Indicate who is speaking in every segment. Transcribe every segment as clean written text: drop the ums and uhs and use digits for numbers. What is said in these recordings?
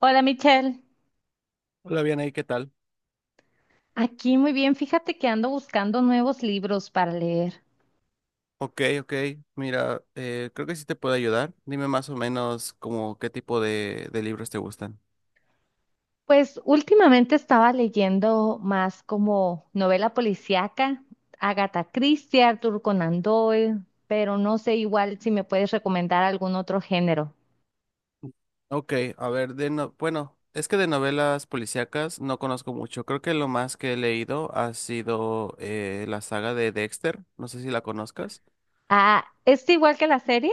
Speaker 1: Hola Michelle,
Speaker 2: Hola, bien ahí, ¿qué tal?
Speaker 1: aquí muy bien. Fíjate que ando buscando nuevos libros para leer.
Speaker 2: Ok, ok. Mira, creo que sí te puedo ayudar. Dime más o menos como qué tipo de libros te gustan.
Speaker 1: Pues últimamente estaba leyendo más como novela policíaca, Agatha Christie, Arthur Conan Doyle, pero no sé, igual si me puedes recomendar algún otro género.
Speaker 2: Ok, a ver, de no, bueno, es que de novelas policíacas no conozco mucho. Creo que lo más que he leído ha sido la saga de Dexter. No sé si la conozcas.
Speaker 1: Ah, ¿es igual que la serie?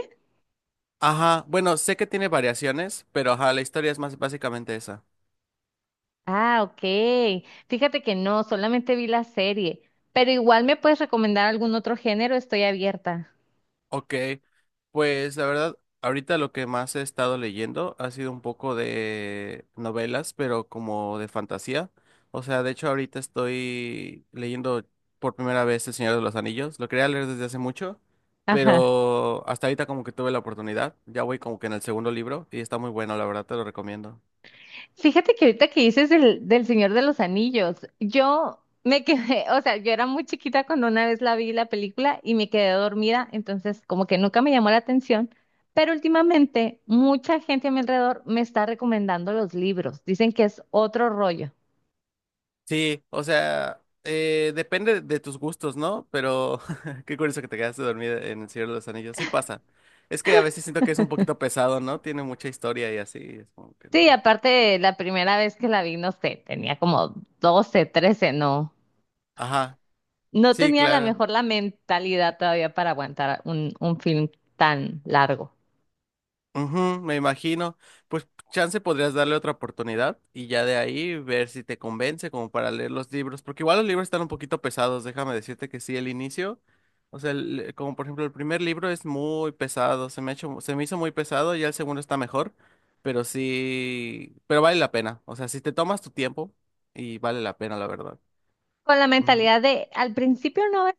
Speaker 2: Ajá, bueno, sé que tiene variaciones, pero ajá, la historia es más básicamente esa.
Speaker 1: Ah, ok. Fíjate que no, solamente vi la serie, pero igual me puedes recomendar algún otro género, estoy abierta.
Speaker 2: Ok, pues la verdad, ahorita lo que más he estado leyendo ha sido un poco de novelas, pero como de fantasía. O sea, de hecho ahorita estoy leyendo por primera vez El Señor de los Anillos. Lo quería leer desde hace mucho,
Speaker 1: Ajá.
Speaker 2: pero hasta ahorita como que tuve la oportunidad. Ya voy como que en el segundo libro y está muy bueno, la verdad te lo recomiendo.
Speaker 1: Fíjate que ahorita que dices del Señor de los Anillos, yo me quedé, o sea, yo era muy chiquita cuando una vez la vi la película y me quedé dormida, entonces como que nunca me llamó la atención, pero últimamente mucha gente a mi alrededor me está recomendando los libros, dicen que es otro rollo.
Speaker 2: Sí, o sea, depende de tus gustos, ¿no? Pero qué curioso que te quedaste dormida en El Señor de los Anillos. Sí pasa. Es que a veces siento que es un poquito pesado, ¿no? Tiene mucha historia y así, es como que no.
Speaker 1: Sí, aparte la primera vez que la vi, no sé, tenía como 12, 13, no,
Speaker 2: Ajá,
Speaker 1: no
Speaker 2: sí,
Speaker 1: tenía a lo
Speaker 2: claro.
Speaker 1: mejor la mentalidad todavía para aguantar un film tan largo,
Speaker 2: Ujú, me imagino. Pues chance podrías darle otra oportunidad y ya de ahí ver si te convence como para leer los libros, porque igual los libros están un poquito pesados, déjame decirte que sí, el inicio, o sea, como por ejemplo el primer libro es muy pesado, se me ha hecho, se me hizo muy pesado, ya el segundo está mejor, pero sí, pero vale la pena, o sea, si te tomas tu tiempo y vale la pena, la verdad.
Speaker 1: con la
Speaker 2: Ujú.
Speaker 1: mentalidad de al principio no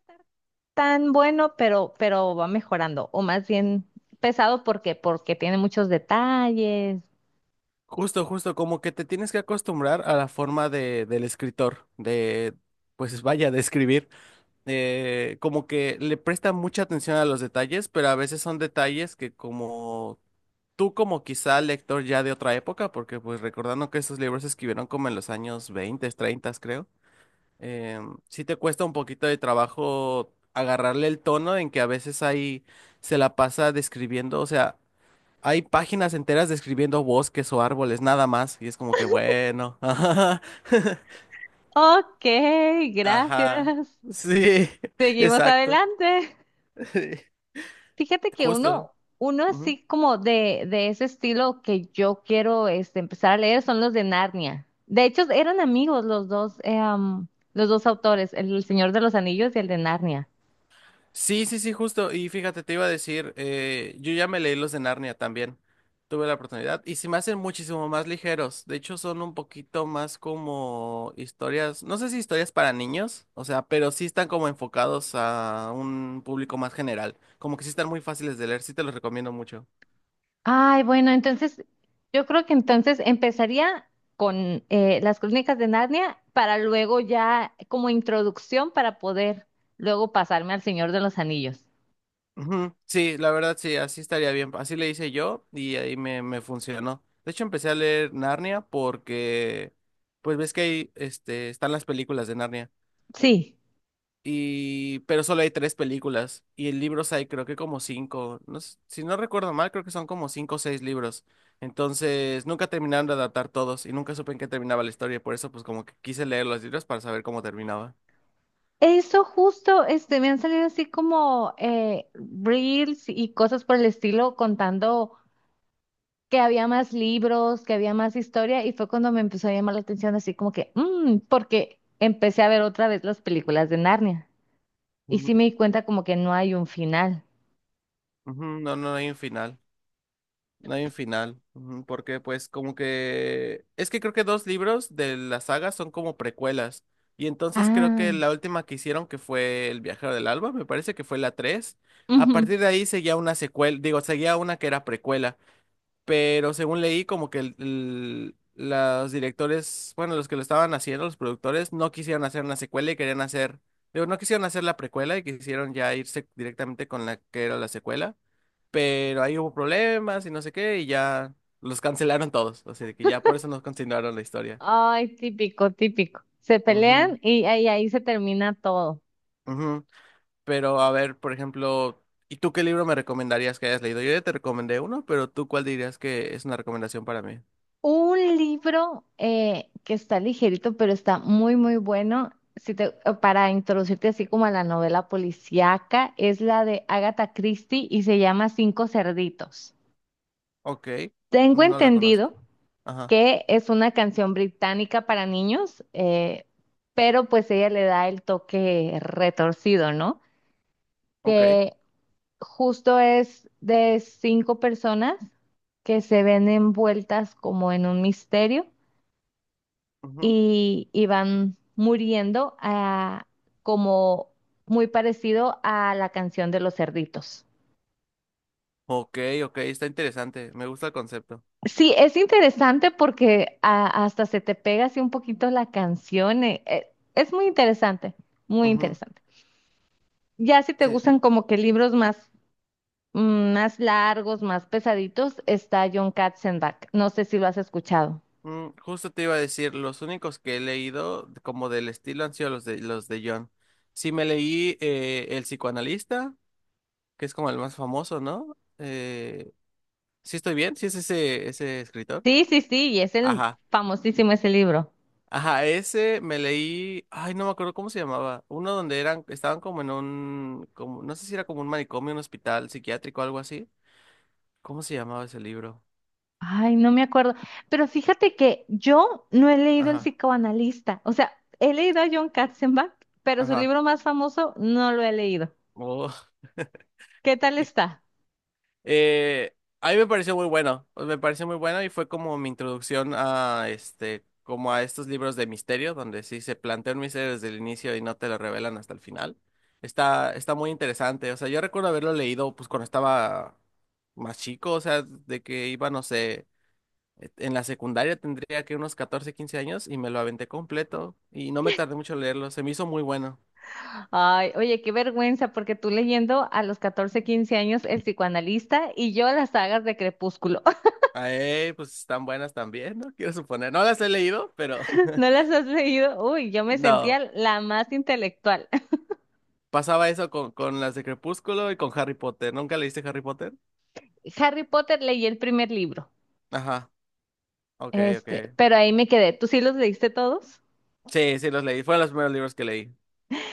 Speaker 1: tan bueno, pero va mejorando, o más bien pesado porque, porque tiene muchos detalles.
Speaker 2: Justo, justo, como que te tienes que acostumbrar a la forma de, del escritor, de, pues vaya, de escribir. Como que le presta mucha atención a los detalles, pero a veces son detalles que como tú como quizá lector ya de otra época, porque pues recordando que estos libros se escribieron como en los años 20, 30, creo, eh, sí te cuesta un poquito de trabajo agarrarle el tono en que a veces ahí se la pasa describiendo, o sea, hay páginas enteras describiendo bosques o árboles, nada más, y es como que bueno,
Speaker 1: Ok,
Speaker 2: ajá,
Speaker 1: gracias.
Speaker 2: sí,
Speaker 1: Seguimos
Speaker 2: exacto.
Speaker 1: adelante. Fíjate que
Speaker 2: Justo.
Speaker 1: uno
Speaker 2: Ujú.
Speaker 1: así como de ese estilo que yo quiero empezar a leer son los de Narnia. De hecho, eran amigos los dos, los dos autores, el Señor de los Anillos y el de Narnia.
Speaker 2: Sí, sí, sí, justo. Y fíjate, te iba a decir, yo ya me leí los de Narnia también. Tuve la oportunidad. Y se me hacen muchísimo más ligeros. De hecho, son un poquito más como historias, no sé si historias para niños, o sea, pero sí están como enfocados a un público más general. Como que sí están muy fáciles de leer, sí te los recomiendo mucho.
Speaker 1: Ay, bueno, entonces yo creo que entonces empezaría con las crónicas de Narnia para luego ya como introducción para poder luego pasarme al Señor de los Anillos.
Speaker 2: Ujú, sí, la verdad sí, así estaría bien. Así le hice yo y ahí me funcionó. De hecho, empecé a leer Narnia porque, pues ves que ahí este, están las películas de Narnia.
Speaker 1: Sí,
Speaker 2: Y, pero solo hay tres películas y en libros hay creo que como cinco. No, si no recuerdo mal, creo que son como cinco o seis libros. Entonces, nunca terminaron de adaptar todos y nunca supe en qué terminaba la historia. Por eso, pues como que quise leer los libros para saber cómo terminaba.
Speaker 1: eso justo, me han salido así como reels y cosas por el estilo contando que había más libros, que había más historia y fue cuando me empezó a llamar la atención así como que, "Mm", porque empecé a ver otra vez las películas de Narnia y sí
Speaker 2: Ujú,
Speaker 1: me di cuenta como que no hay un final.
Speaker 2: ujú, no, no hay un final. No hay un final, ujú, porque pues como que... Es que creo que dos libros de la saga son como precuelas. Y entonces creo que
Speaker 1: Ah,
Speaker 2: la última que hicieron, que fue El Viajero del Alba, me parece que fue la tres. A
Speaker 1: ujú.
Speaker 2: partir de ahí seguía una secuela, digo, seguía una que era precuela. Pero según leí, como que los directores, bueno, los que lo estaban haciendo, los productores, no quisieron hacer una secuela y querían hacer... Digo, no quisieron hacer la precuela y quisieron ya irse directamente con la que era la secuela, pero ahí hubo problemas y no sé qué, y ya los cancelaron todos, así de que ya por eso no continuaron la historia.
Speaker 1: Ay, típico, típico. Se
Speaker 2: Ujú,
Speaker 1: pelean y ahí, ahí se termina todo.
Speaker 2: ujú. Pero a ver, por ejemplo, ¿y tú qué libro me recomendarías que hayas leído? Yo ya te recomendé uno, pero ¿tú cuál dirías que es una recomendación para mí?
Speaker 1: Un libro que está ligerito, pero está muy, muy bueno, si te- para introducirte así como a la novela policíaca, es la de Agatha Christie y se llama Cinco Cerditos.
Speaker 2: Ok,
Speaker 1: Tengo
Speaker 2: no la
Speaker 1: entendido
Speaker 2: conozco. Ajá,
Speaker 1: que es una canción británica para niños, pero pues ella le da el toque retorcido, ¿no?
Speaker 2: ok.
Speaker 1: que Justo es de cinco personas que se ven envueltas como en un misterio
Speaker 2: Ujú.
Speaker 1: y van muriendo, como muy parecido a la canción de los cerditos.
Speaker 2: Ok, ok, está interesante, me gusta el concepto.
Speaker 1: Sí, es interesante porque, hasta se te pega así un poquito la canción. Es muy interesante, muy
Speaker 2: Ujú,
Speaker 1: interesante. Ya si te
Speaker 2: sí.
Speaker 1: gustan como que libros más, más largos, más pesaditos, está John Katzenbach. No sé si lo has escuchado.
Speaker 2: Mm, justo te iba a decir, los únicos que he leído como del estilo han sido los de John. Sí me leí El psicoanalista, que es como el más famoso, ¿no? Sí estoy bien, sí es ese escritor.
Speaker 1: Sí, sí, sí, y es el
Speaker 2: Ajá.
Speaker 1: famosísimo ese libro.
Speaker 2: Ajá, ese me leí, ay, no me acuerdo cómo se llamaba, uno donde eran estaban como en un como no sé si era como un manicomio, un hospital psiquiátrico algo así. ¿Cómo se llamaba ese libro?
Speaker 1: Ay, no me acuerdo. Pero fíjate que yo no he leído El
Speaker 2: Ajá.
Speaker 1: psicoanalista. O sea, he leído a John Katzenbach, pero su
Speaker 2: Ajá.
Speaker 1: libro más famoso no lo he leído.
Speaker 2: Oh.
Speaker 1: ¿Qué tal está?
Speaker 2: Eh, a mí me pareció muy bueno, pues, me pareció muy bueno y fue como mi introducción a este, como a estos libros de misterio, donde sí se plantea un misterio desde el inicio y no te lo revelan hasta el final. Está, está muy interesante, o sea, yo recuerdo haberlo leído pues cuando estaba más chico, o sea, de que iba, no sé, en la secundaria tendría que unos 14 15 años y me lo aventé completo y no me tardé mucho en leerlo, se me hizo muy bueno.
Speaker 1: Ay, oye, qué vergüenza, porque tú leyendo a los 14, 15 años El psicoanalista y yo las sagas de Crepúsculo.
Speaker 2: Ay, pues están buenas también, ¿no? Quiero suponer, no las he leído, pero
Speaker 1: ¿No las has leído? Uy, yo me
Speaker 2: no.
Speaker 1: sentía la más intelectual.
Speaker 2: Pasaba eso con las de Crepúsculo y con Harry Potter. ¿Nunca leíste Harry Potter?
Speaker 1: Harry Potter leí el primer libro.
Speaker 2: Ajá, ok, ok.
Speaker 1: Pero ahí me quedé. ¿Tú sí los leíste todos?
Speaker 2: Sí, sí, los leí. Fueron los primeros libros que leí.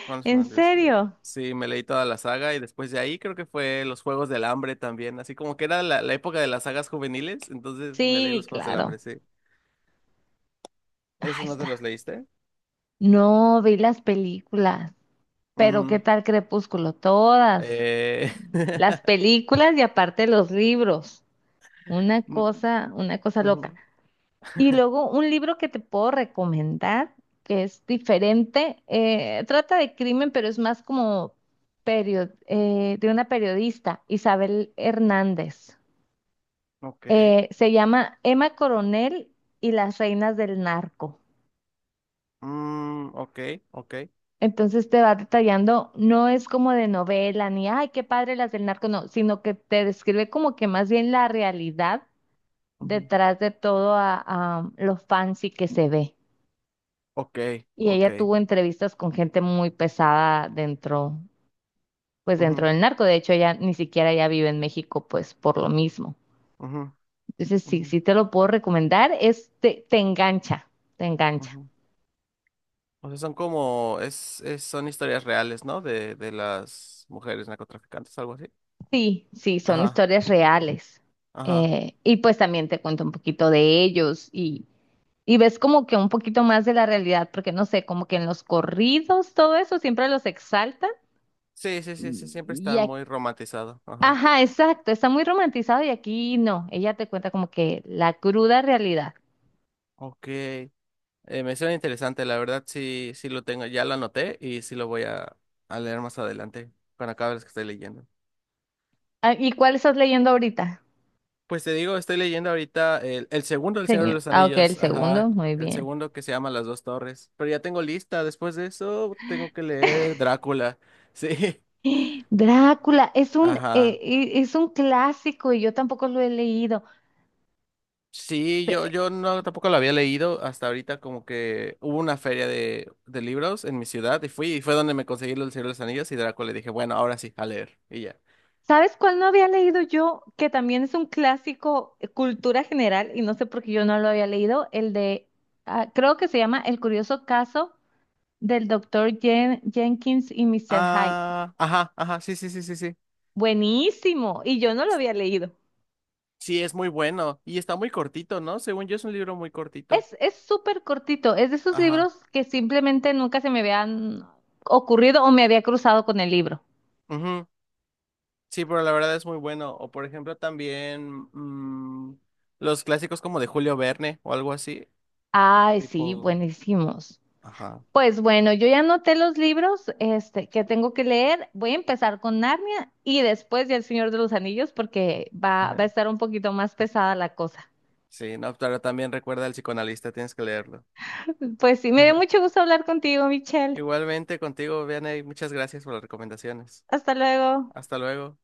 Speaker 2: Fueron los
Speaker 1: ¿En
Speaker 2: primeros libros que leí.
Speaker 1: serio?
Speaker 2: Sí, me leí toda la saga y después de ahí creo que fue Los Juegos del Hambre también. Así como que era la, la época de las sagas juveniles, entonces me leí
Speaker 1: Sí,
Speaker 2: Los Juegos del
Speaker 1: claro.
Speaker 2: Hambre, sí.
Speaker 1: Ahí
Speaker 2: ¿Esos no te los
Speaker 1: está.
Speaker 2: leíste?
Speaker 1: No, vi las películas. Pero ¿qué
Speaker 2: Ujú.
Speaker 1: tal Crepúsculo? Todas.
Speaker 2: Eh...
Speaker 1: Las películas y aparte los libros.
Speaker 2: mm,
Speaker 1: Una cosa loca.
Speaker 2: ujú.
Speaker 1: Y luego un libro que te puedo recomendar, que es diferente. Trata de crimen, pero es más como de una periodista, Isabel Hernández.
Speaker 2: Ok.
Speaker 1: Se llama Emma Coronel y las reinas del narco.
Speaker 2: Mm, ok, ok.
Speaker 1: Entonces te va detallando, no es como de novela, ni, ay, qué padre las del narco, no, sino que te describe como que más bien la realidad
Speaker 2: Ujú,
Speaker 1: detrás de todo, a lo fancy que se ve.
Speaker 2: ok,
Speaker 1: Y
Speaker 2: ok.
Speaker 1: ella tuvo entrevistas con gente muy pesada dentro, pues dentro
Speaker 2: Ujú,
Speaker 1: del narco. De hecho, ella ni siquiera ya vive en México, pues por lo mismo.
Speaker 2: ujú,
Speaker 1: Entonces, sí,
Speaker 2: ujú,
Speaker 1: sí te lo puedo recomendar, es, te engancha, te engancha.
Speaker 2: ujú. O sea, son como, son historias reales, ¿no? De las mujeres narcotraficantes, algo así.
Speaker 1: Sí, sí, son
Speaker 2: Ajá,
Speaker 1: historias reales.
Speaker 2: ajá.
Speaker 1: Y pues también te cuento un poquito de ellos. Y ves como que un poquito más de la realidad, porque no sé, como que en los corridos, todo eso siempre los exaltan.
Speaker 2: Sí, sí, sí, sí, siempre
Speaker 1: Y
Speaker 2: está
Speaker 1: aquí,
Speaker 2: muy romantizado. Ajá.
Speaker 1: ajá, exacto, está muy romantizado y aquí no, ella te cuenta como que la cruda realidad.
Speaker 2: Ok. Me suena interesante, la verdad, sí, sí lo tengo, ya lo anoté y sí lo voy a leer más adelante, cuando acabe las que estoy leyendo.
Speaker 1: Ah, ¿y cuál estás leyendo ahorita,
Speaker 2: Pues te digo, estoy leyendo ahorita el segundo del Señor de
Speaker 1: señor?
Speaker 2: los
Speaker 1: Ah, ok, el
Speaker 2: Anillos, ajá,
Speaker 1: segundo, muy
Speaker 2: el
Speaker 1: bien.
Speaker 2: segundo que se llama Las Dos Torres. Pero ya tengo lista, después de eso tengo que leer Drácula, sí,
Speaker 1: Drácula,
Speaker 2: ajá.
Speaker 1: es un clásico y yo tampoco lo he leído.
Speaker 2: Sí, yo no tampoco lo había leído hasta ahorita, como que hubo una feria de libros en mi ciudad y fui, y fue donde me conseguí el Señor de los Anillos y Draco le dije, bueno, ahora sí, a leer, y ya.
Speaker 1: ¿Sabes cuál no había leído yo? Que también es un clásico, cultura general y no sé por qué yo no lo había leído. El de, ah, creo que se llama El curioso caso del doctor Jenkins y Mr. Hyde.
Speaker 2: Ah, ajá, ajá, sí, sí, sí, sí, sí.
Speaker 1: Buenísimo. Y yo no lo había leído.
Speaker 2: Sí, es muy bueno y está muy cortito, ¿no? Según yo es un libro muy cortito.
Speaker 1: Es súper cortito. Es de esos libros
Speaker 2: Ajá.
Speaker 1: que simplemente nunca se me habían ocurrido o me había cruzado con el libro.
Speaker 2: Ujú, sí, pero la verdad es muy bueno. O por ejemplo también mm, los clásicos como de Julio Verne o algo así,
Speaker 1: Ay, sí,
Speaker 2: tipo,
Speaker 1: buenísimos.
Speaker 2: ajá.
Speaker 1: Pues bueno, yo ya anoté los libros, que tengo que leer. Voy a empezar con Narnia y después ya El Señor de los Anillos porque va, va a estar un poquito más pesada la cosa.
Speaker 2: Sí, no, pero también recuerda al psicoanalista, tienes que leerlo.
Speaker 1: Pues sí, me dio mucho gusto hablar contigo, Michelle.
Speaker 2: Igualmente contigo, Vianey, muchas gracias por las recomendaciones.
Speaker 1: Hasta luego.
Speaker 2: Hasta luego.